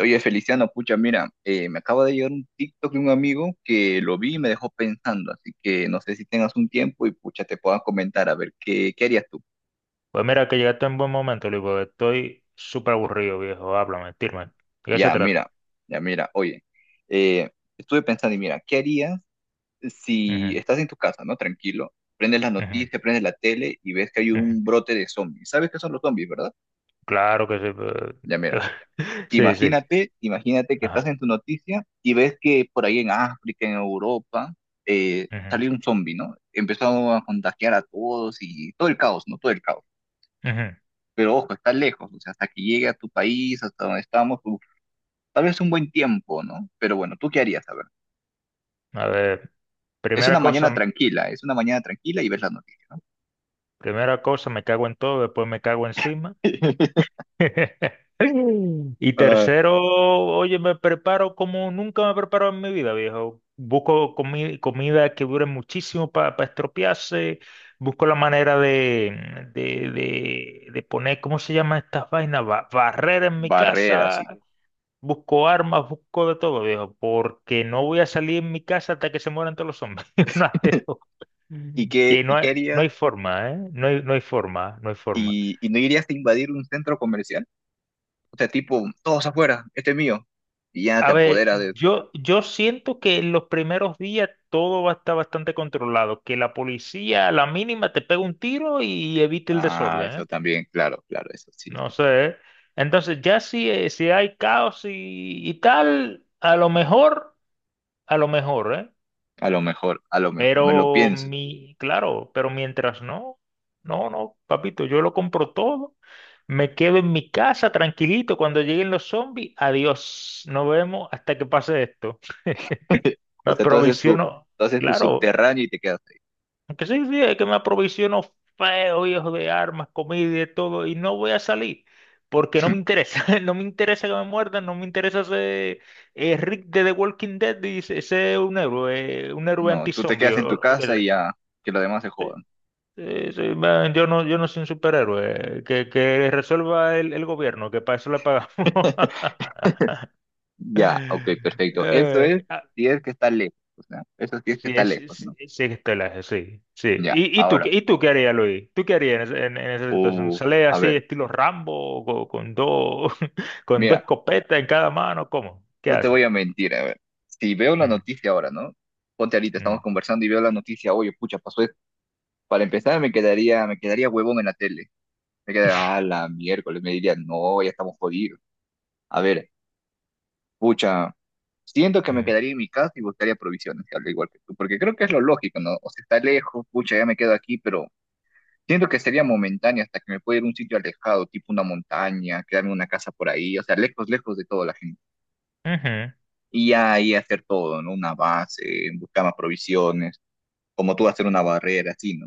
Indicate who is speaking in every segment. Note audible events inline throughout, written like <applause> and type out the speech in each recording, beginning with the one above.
Speaker 1: Oye, Feliciano, pucha, mira, me acaba de llegar un TikTok de un amigo que lo vi y me dejó pensando, así que no sé si tengas un tiempo y pucha, te puedas comentar, a ver, ¿qué harías tú?
Speaker 2: Pues mira, que llegaste en buen momento, Luis, porque estoy súper aburrido, viejo. Háblame, tírame. ¿De qué se
Speaker 1: Ya,
Speaker 2: trata?
Speaker 1: mira, ya, mira, oye, eh, estuve pensando y mira, ¿qué harías si
Speaker 2: Ujú,
Speaker 1: estás en tu casa, ¿no? Tranquilo, prendes las
Speaker 2: ujú,
Speaker 1: noticias, prendes la tele y ves que hay un
Speaker 2: ujú.
Speaker 1: brote de zombies. ¿Sabes qué son los zombies, verdad?
Speaker 2: Claro que sí.
Speaker 1: Ya, mira.
Speaker 2: <laughs> Sí, sí.
Speaker 1: Imagínate que estás
Speaker 2: Ajá.
Speaker 1: en tu noticia y ves que por ahí en África, en Europa,
Speaker 2: Ujú,
Speaker 1: salió un zombie, ¿no? Empezó a contagiar a todos y todo el caos, ¿no? Todo el caos.
Speaker 2: ujú.
Speaker 1: Pero ojo, está lejos, o sea, hasta que llegue a tu país, hasta donde estamos, uf, tal vez un buen tiempo, ¿no? Pero bueno, ¿tú qué harías? A ver,
Speaker 2: A ver,
Speaker 1: es
Speaker 2: primera
Speaker 1: una
Speaker 2: cosa,
Speaker 1: mañana tranquila, es una mañana tranquila y ves la noticia.
Speaker 2: primera cosa, me cago en todo, después me cago encima.
Speaker 1: <laughs>
Speaker 2: <laughs> Y
Speaker 1: Ah,
Speaker 2: tercero, oye, me preparo como nunca me he preparado en mi vida, viejo. Busco comida que dure muchísimo para estropearse. Busco la manera de poner, ¿cómo se llama estas vainas? Barrera en mi
Speaker 1: barrera,
Speaker 2: casa.
Speaker 1: sí.
Speaker 2: Busco armas, busco de todo, viejo. Porque no voy a salir en mi casa hasta que se mueran todos los hombres. <laughs> Una de dos.
Speaker 1: ¿Y qué,
Speaker 2: Que
Speaker 1: y qué
Speaker 2: no
Speaker 1: harías?
Speaker 2: hay forma, ¿eh? No hay forma, no hay forma.
Speaker 1: Y no irías a invadir un centro comercial? O sea, tipo, todos afuera, este es mío. Y ya
Speaker 2: A
Speaker 1: te
Speaker 2: ver,
Speaker 1: apoderas de...
Speaker 2: yo siento que en los primeros días todo va a estar bastante controlado, que la policía a la mínima te pega un tiro y evite el
Speaker 1: Ah,
Speaker 2: desorden, ¿eh?
Speaker 1: eso también, claro, claro, eso sí.
Speaker 2: No
Speaker 1: Eso.
Speaker 2: sé. ¿Eh? Entonces ya si, si hay caos y tal, a lo mejor, ¿eh?
Speaker 1: A lo mejor, me lo
Speaker 2: Pero
Speaker 1: pienso.
Speaker 2: claro, pero mientras no, papito, yo lo compro todo, me quedo en mi casa tranquilito, cuando lleguen los zombies, adiós, nos vemos hasta que pase esto.
Speaker 1: <laughs> O
Speaker 2: Me
Speaker 1: sea,
Speaker 2: aprovisiono,
Speaker 1: tú haces tu
Speaker 2: claro,
Speaker 1: subterráneo y te quedas ahí.
Speaker 2: aunque sí, sí, es que me aprovisiono feo, viejo, de armas, comida y de todo, y no voy a salir, porque no me interesa, <laughs> no me interesa que me muerdan, no me interesa ser Rick de The Walking Dead y ser un héroe
Speaker 1: No, tú te
Speaker 2: antizombie
Speaker 1: quedas
Speaker 2: o
Speaker 1: en tu
Speaker 2: lo que
Speaker 1: casa y
Speaker 2: sea.
Speaker 1: ya, que los demás se jodan.
Speaker 2: Sí, sí, man, yo no soy un superhéroe, que resuelva el gobierno, que para eso le pagamos.
Speaker 1: <laughs> Ya, ok,
Speaker 2: <laughs>
Speaker 1: perfecto. Eso
Speaker 2: Eh,
Speaker 1: es si es que está lejos, o sea, eso sí es que
Speaker 2: Sí,
Speaker 1: está
Speaker 2: sí,
Speaker 1: lejos,
Speaker 2: sí
Speaker 1: ¿no?
Speaker 2: es estelaje, sí, sí.
Speaker 1: Ya,
Speaker 2: ¿Y,
Speaker 1: ahora.
Speaker 2: y tú qué harías, Luis? ¿Tú qué harías en esa situación?
Speaker 1: Uh,
Speaker 2: ¿Sale
Speaker 1: a
Speaker 2: así
Speaker 1: ver,
Speaker 2: estilo Rambo, con dos, <laughs> con dos
Speaker 1: mira,
Speaker 2: escopetas en cada mano? ¿Cómo? ¿Qué
Speaker 1: no te voy a
Speaker 2: haces?
Speaker 1: mentir, a ver. Si veo la
Speaker 2: Mm,
Speaker 1: noticia ahora, ¿no? Ponte ahorita, estamos
Speaker 2: mm,
Speaker 1: conversando y veo la noticia, oye, pucha, pasó. Para empezar, me quedaría huevón en la tele. Me quedaría, ah, la miércoles, me diría, no, ya estamos jodidos. A ver, pucha, siento que me
Speaker 2: mm.
Speaker 1: quedaría en mi casa y buscaría provisiones, al igual que tú, porque creo que es lo lógico, ¿no? O sea, está lejos, pucha, ya me quedo aquí, pero siento que sería momentáneo hasta que me pueda ir a un sitio alejado, tipo una montaña, quedarme en una casa por ahí, o sea, lejos, lejos de toda la gente.
Speaker 2: Ujú.
Speaker 1: Y ahí hacer todo, ¿no? Una base, buscar más provisiones, como tú hacer una barrera, así, ¿no?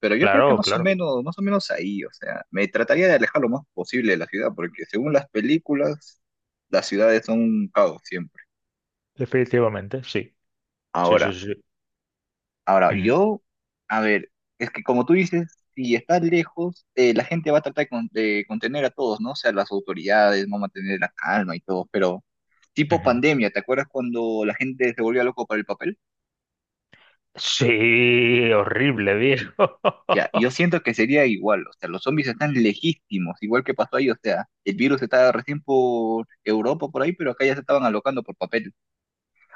Speaker 1: Pero yo creo que
Speaker 2: Claro, claro,
Speaker 1: más o menos ahí, o sea, me trataría de alejar lo más posible de la ciudad, porque según las películas, las ciudades son un caos siempre.
Speaker 2: definitivamente, sí. Sí, sí,
Speaker 1: Ahora,
Speaker 2: sí.
Speaker 1: ahora,
Speaker 2: Ujú,
Speaker 1: yo, a ver, es que como tú dices, si estás lejos, la gente va a tratar de contener a todos, ¿no? O sea, las autoridades van a mantener la calma y todo, pero tipo
Speaker 2: ujú.
Speaker 1: pandemia, ¿te acuerdas cuando la gente se volvió loco para el papel?
Speaker 2: Sí, horrible, viejo.
Speaker 1: Ya, y yo
Speaker 2: <laughs>
Speaker 1: siento que sería igual, o sea, los zombies están legítimos, igual que pasó ahí, o sea, el virus estaba recién por Europa, por ahí, pero acá ya se estaban alocando por papel.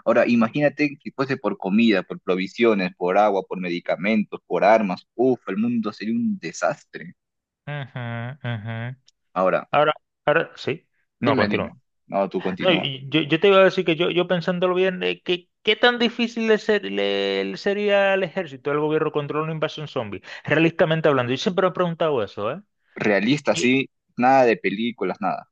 Speaker 1: Ahora, imagínate si fuese por comida, por provisiones, por agua, por medicamentos, por armas, uff, el mundo sería un desastre.
Speaker 2: Ujú, ujú.
Speaker 1: Ahora,
Speaker 2: Ahora, ahora, sí. No,
Speaker 1: dime,
Speaker 2: continúa.
Speaker 1: dime, no, tú
Speaker 2: No,
Speaker 1: continúa.
Speaker 2: yo te iba a decir que yo pensándolo bien, que, ¿qué tan difícil le sería al ejército, al gobierno controlar una invasión zombie? Realistamente hablando, yo siempre me he preguntado eso, ¿eh?
Speaker 1: Realista,
Speaker 2: Y,
Speaker 1: sí, nada de películas, nada.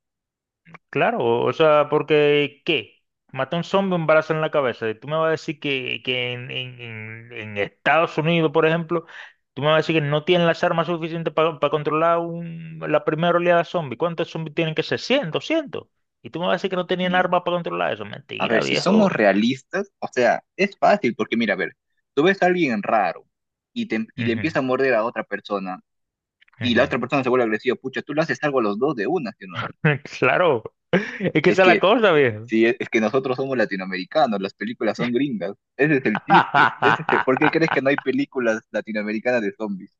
Speaker 2: claro, o sea, porque ¿qué? Mata a un zombie, un balazo en la cabeza. Y tú me vas a decir que en Estados Unidos, por ejemplo, tú me vas a decir que no tienen las armas suficientes para controlar la primera oleada zombie. ¿Cuántos zombies tienen que ser? Cien, doscientos. Y tú me vas a decir que no tenían
Speaker 1: Mm.
Speaker 2: armas para controlar eso.
Speaker 1: A
Speaker 2: Mentira,
Speaker 1: ver, si somos
Speaker 2: viejo.
Speaker 1: realistas, o sea, es fácil, porque mira, a ver, tú ves a alguien raro y, y le
Speaker 2: Ujú.
Speaker 1: empieza a morder a otra persona y la otra
Speaker 2: <laughs>
Speaker 1: persona se vuelve agresiva, pucha, tú le haces algo a los dos de una, ¿sí o no?
Speaker 2: Claro, es que
Speaker 1: Es
Speaker 2: esa es la
Speaker 1: que,
Speaker 2: cosa, viejo.
Speaker 1: sí, es que nosotros somos latinoamericanos, las películas son gringas, ese es el chiste, ese es ¿por qué crees
Speaker 2: <laughs>
Speaker 1: que no hay películas latinoamericanas de zombies?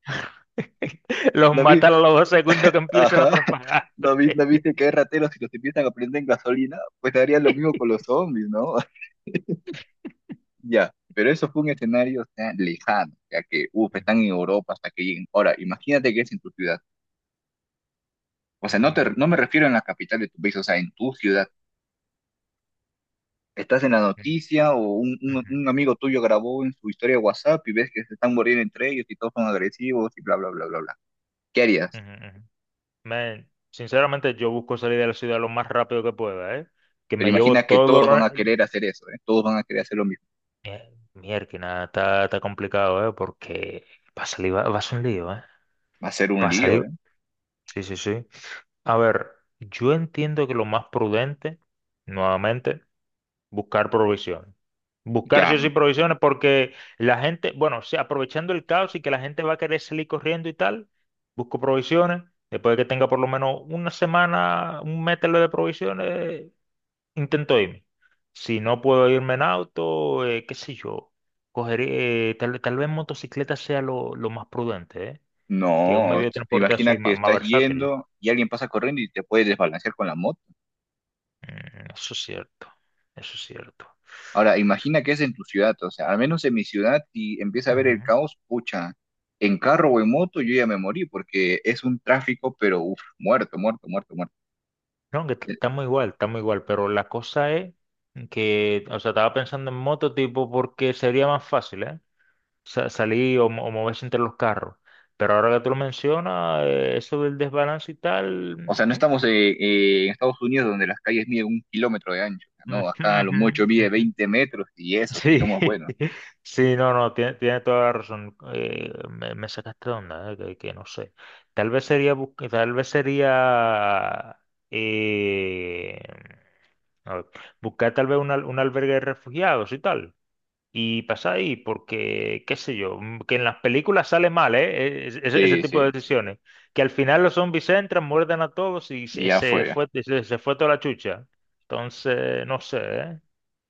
Speaker 2: Los
Speaker 1: ¿No, vi-
Speaker 2: matan a los dos segundos que empiezan a
Speaker 1: Ajá. <laughs>
Speaker 2: propagarse.
Speaker 1: ¿No, vi- no viste que hay rateros y los empiezan a prender en gasolina? Pues harían lo mismo
Speaker 2: <laughs>
Speaker 1: con los zombies, ¿no? <laughs> Ya, pero eso fue un escenario, o sea, lejano, ya que, uff, están en Europa hasta que lleguen. Ahora, imagínate que es en tu ciudad. O sea, no, te,
Speaker 2: Mm,
Speaker 1: no me refiero en la capital de tu país, o sea, en tu ciudad estás en la
Speaker 2: mm,
Speaker 1: noticia o
Speaker 2: ujú,
Speaker 1: un amigo tuyo grabó en su historia de WhatsApp y ves que se están muriendo entre ellos y todos son agresivos y bla, bla, bla, bla, bla. ¿Qué
Speaker 2: ujú,
Speaker 1: harías?
Speaker 2: ujú. Man, sinceramente yo busco salir de la ciudad lo más rápido que pueda, ¿eh? Que
Speaker 1: Pero
Speaker 2: me llevo
Speaker 1: imagina que
Speaker 2: todo
Speaker 1: todos van
Speaker 2: lo...
Speaker 1: a querer hacer eso, ¿eh? Todos van a querer hacer lo mismo.
Speaker 2: Mierda, está complicado, ¿eh? Porque va a salir, va a ser un lío, ¿eh?
Speaker 1: Va a ser un
Speaker 2: Va a
Speaker 1: lío,
Speaker 2: salir...
Speaker 1: ¿eh?
Speaker 2: Sí, sí, sí. A ver, yo entiendo que lo más prudente, nuevamente, buscar provisiones. Buscar sí o
Speaker 1: Claro.
Speaker 2: sí provisiones porque la gente, bueno, o sea, aprovechando el caos y que la gente va a querer salir corriendo y tal, busco provisiones. Después de que tenga por lo menos una semana, un mételo de provisiones, intento irme. Si no puedo irme en auto, qué sé yo, cogeré, tal vez motocicleta sea lo más prudente, ¿eh? Que un
Speaker 1: No,
Speaker 2: medio de transporte
Speaker 1: imagina
Speaker 2: así
Speaker 1: que
Speaker 2: más
Speaker 1: estás
Speaker 2: versátil.
Speaker 1: yendo y alguien pasa corriendo y te puedes desbalancear con la moto.
Speaker 2: Mm, eso es cierto, eso es cierto.
Speaker 1: Ahora, imagina que es en tu ciudad, o sea, al menos en mi ciudad, y empieza a ver el
Speaker 2: Ujú.
Speaker 1: caos, pucha, en carro o en moto yo ya me morí porque es un tráfico, pero uf, muerto, muerto, muerto, muerto.
Speaker 2: No, estamos igual, pero la cosa es que, o sea, estaba pensando en moto tipo porque sería más fácil, ¿eh? Salir o moverse entre los carros. Pero ahora que tú lo mencionas, eso del desbalance y tal,
Speaker 1: O
Speaker 2: mm,
Speaker 1: sea, no estamos en Estados Unidos donde las calles miden un kilómetro de ancho,
Speaker 2: mm,
Speaker 1: ¿no?
Speaker 2: <laughs> ujú,
Speaker 1: Acá a lo mucho
Speaker 2: ujú,
Speaker 1: mide
Speaker 2: ujú.
Speaker 1: 20 metros y eso, sí
Speaker 2: Sí,
Speaker 1: somos buenos.
Speaker 2: <laughs> sí, no, no, tiene, tiene toda la razón. Me sacaste de onda, que no sé. Tal vez sería, tal vez sería eh, a ver, buscar tal vez un albergue de refugiados y tal. Y pasar ahí, porque, qué sé yo, mm, que en las películas sale mal, ¿eh? Ese, ese
Speaker 1: Sí,
Speaker 2: tipo
Speaker 1: sí,
Speaker 2: de decisiones. Que al final los zombies entran, muerden a todos
Speaker 1: y ya
Speaker 2: se
Speaker 1: fue.
Speaker 2: fue, se fue toda la chucha. Entonces, no sé, ¿eh?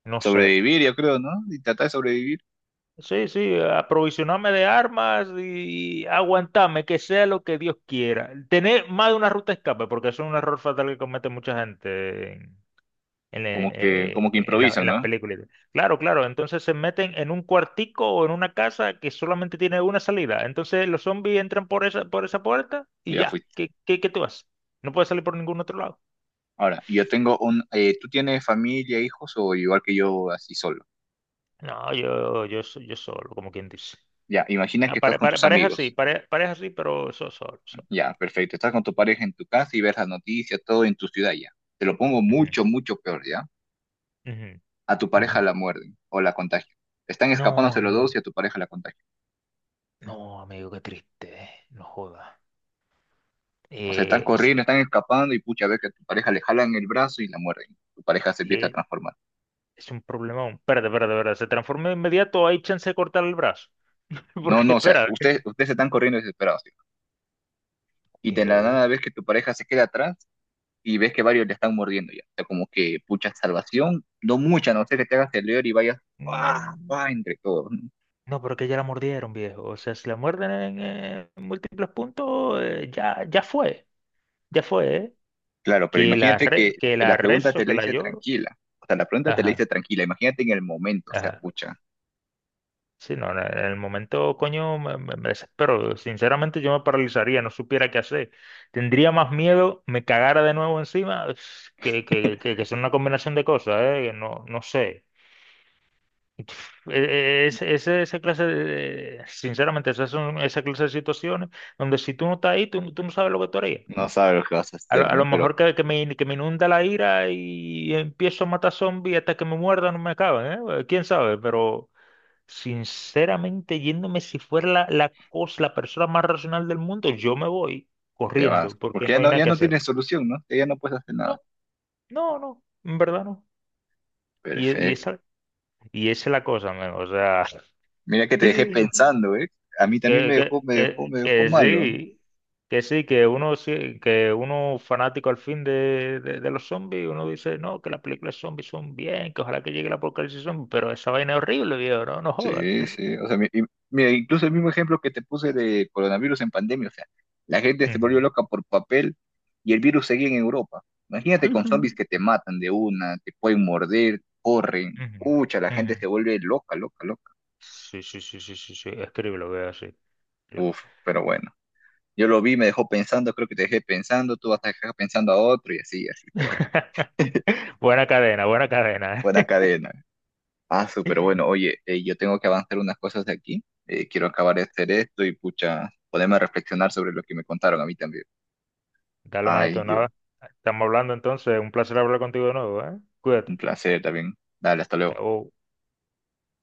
Speaker 2: No sé.
Speaker 1: Sobrevivir, yo creo, ¿no? Y tratar de sobrevivir,
Speaker 2: Sí, sí, aprovisionarme de armas y aguantarme, que sea lo que Dios quiera. Tener más de una ruta de escape, porque eso es un error fatal que comete mucha gente
Speaker 1: como que
Speaker 2: en
Speaker 1: improvisan,
Speaker 2: las
Speaker 1: ¿no?
Speaker 2: películas. Claro, claro, entonces se meten en un cuartico o en una casa que solamente tiene una salida. Entonces los zombies entran por por esa puerta
Speaker 1: Y
Speaker 2: y
Speaker 1: ya
Speaker 2: ya,
Speaker 1: fuiste.
Speaker 2: ¿qué, qué tú haces? No puedes salir por ningún otro lado.
Speaker 1: Ahora, yo tengo un... ¿tú tienes familia, hijos o igual que yo, así solo?
Speaker 2: No, yo solo, como quien dice.
Speaker 1: Ya, imagina
Speaker 2: Ah,
Speaker 1: que estás con tus
Speaker 2: pareja sí,
Speaker 1: amigos.
Speaker 2: pareja sí, pero solo, solo.
Speaker 1: Ya, perfecto. Estás con tu pareja en tu casa y ves las noticias, todo en tu ciudad ya. Te lo pongo
Speaker 2: Ujú,
Speaker 1: mucho, mucho peor, ¿ya?
Speaker 2: ujú.
Speaker 1: A tu
Speaker 2: Ujú.
Speaker 1: pareja la muerden o la contagian. Están
Speaker 2: No,
Speaker 1: escapándose los dos
Speaker 2: amigo.
Speaker 1: y a tu pareja la contagian.
Speaker 2: No, amigo, qué triste, no jodas.
Speaker 1: O sea, están corriendo,
Speaker 2: Eso
Speaker 1: están escapando y pucha, ves que a tu pareja le jalan el brazo y la muerden. Tu pareja se empieza a
Speaker 2: eh,
Speaker 1: transformar.
Speaker 2: es un problema. Espérate, espérate, espérate. ¿Se transforma de inmediato? ¿Hay chance de cortar el brazo? <laughs>
Speaker 1: No,
Speaker 2: Porque,
Speaker 1: no, o sea,
Speaker 2: espera.
Speaker 1: ustedes están corriendo desesperados. ¿Sí? Y
Speaker 2: Ok.
Speaker 1: de la nada ves que tu pareja se queda atrás y ves que varios le están mordiendo ya. O sea, como que pucha salvación, no mucha, no sé que te hagas el leer y vayas ¡ah!
Speaker 2: Mm,
Speaker 1: ¡Ah! Entre todos. ¿No?
Speaker 2: no, pero que ya la mordieron, viejo. O sea, si la muerden en múltiples puntos, ya, ya fue. Ya fue, ¿eh?
Speaker 1: Claro, pero imagínate
Speaker 2: Que
Speaker 1: que
Speaker 2: la
Speaker 1: la pregunta
Speaker 2: rezo,
Speaker 1: te la
Speaker 2: que la
Speaker 1: hice
Speaker 2: lloro.
Speaker 1: tranquila. O sea, la pregunta te la hice
Speaker 2: Ajá,
Speaker 1: tranquila. Imagínate en el momento, o sea,
Speaker 2: ajá.
Speaker 1: pucha,
Speaker 2: Sí, no, en el momento, coño, me desespero. Sinceramente, yo me paralizaría, no supiera qué hacer. Tendría más miedo, me cagara de nuevo encima, <sniffs> que son una combinación de cosas, ¿eh? Que no, no sé. <sniffs> E- Ese, esa clase de, sinceramente, esas son esa clase de situaciones donde si tú no estás ahí, tú no sabes lo que tú harías.
Speaker 1: no sabes lo que vas a hacer,
Speaker 2: A
Speaker 1: ¿no?
Speaker 2: lo
Speaker 1: Pero
Speaker 2: mejor que, que me inunda la ira y empiezo a matar zombies hasta que me muerdan, no me acaben, ¿eh? ¿Quién sabe? Pero... Sinceramente, yéndome, si fuera la cosa, la persona más racional del mundo, yo me voy
Speaker 1: te vas,
Speaker 2: corriendo porque
Speaker 1: porque
Speaker 2: no
Speaker 1: ya
Speaker 2: hay
Speaker 1: no,
Speaker 2: nada
Speaker 1: ya
Speaker 2: que
Speaker 1: no
Speaker 2: hacer.
Speaker 1: tienes solución, ¿no? Ya no puedes hacer nada.
Speaker 2: No, no, no, en verdad no. Y
Speaker 1: Perfecto.
Speaker 2: esa, y esa es la cosa, men, o sea,
Speaker 1: Mira que
Speaker 2: <laughs>
Speaker 1: te dejé
Speaker 2: que,
Speaker 1: pensando, ¿eh? A mí también me dejó, me dejó, me dejó
Speaker 2: que
Speaker 1: malo, ¿eh?
Speaker 2: sí, que sí, que uno, que uno fanático al fin de los zombies, uno dice, no, que las películas zombies son bien, que ojalá que llegue la apocalipsis zombie, pero esa vaina es horrible, viejo, no, no jodas.
Speaker 1: Sí, sí, o sea, mira, incluso el mismo ejemplo que te puse de coronavirus en pandemia, o sea, la gente se
Speaker 2: Ujú,
Speaker 1: volvió loca por papel y el virus seguía en Europa. Imagínate con zombies
Speaker 2: ujú,
Speaker 1: que te matan de una, te pueden morder, corren,
Speaker 2: ujú,
Speaker 1: pucha, la gente
Speaker 2: ujú.
Speaker 1: se vuelve loca, loca, loca.
Speaker 2: Sí, sí, sí, sí, sí, sí. Escríbelo, que es así. Escríbelo.
Speaker 1: Uf, pero bueno. Yo lo vi, me dejó pensando, creo que te dejé pensando, tú vas a dejar pensando a otro y así, así, pero <laughs>
Speaker 2: <laughs> Buena cadena, buena cadena.
Speaker 1: buena
Speaker 2: <laughs>
Speaker 1: cadena. Ah, súper bueno. Oye, yo tengo que avanzar unas cosas de aquí. Quiero acabar de hacer esto y pucha, ponerme a reflexionar sobre lo que me contaron a mí también.
Speaker 2: Dale,
Speaker 1: Ay,
Speaker 2: manito,
Speaker 1: Dios,
Speaker 2: nada. Estamos hablando entonces. Un placer hablar contigo de nuevo, ¿eh?
Speaker 1: un
Speaker 2: Cuídate.
Speaker 1: placer también. Dale, hasta luego.
Speaker 2: Chao.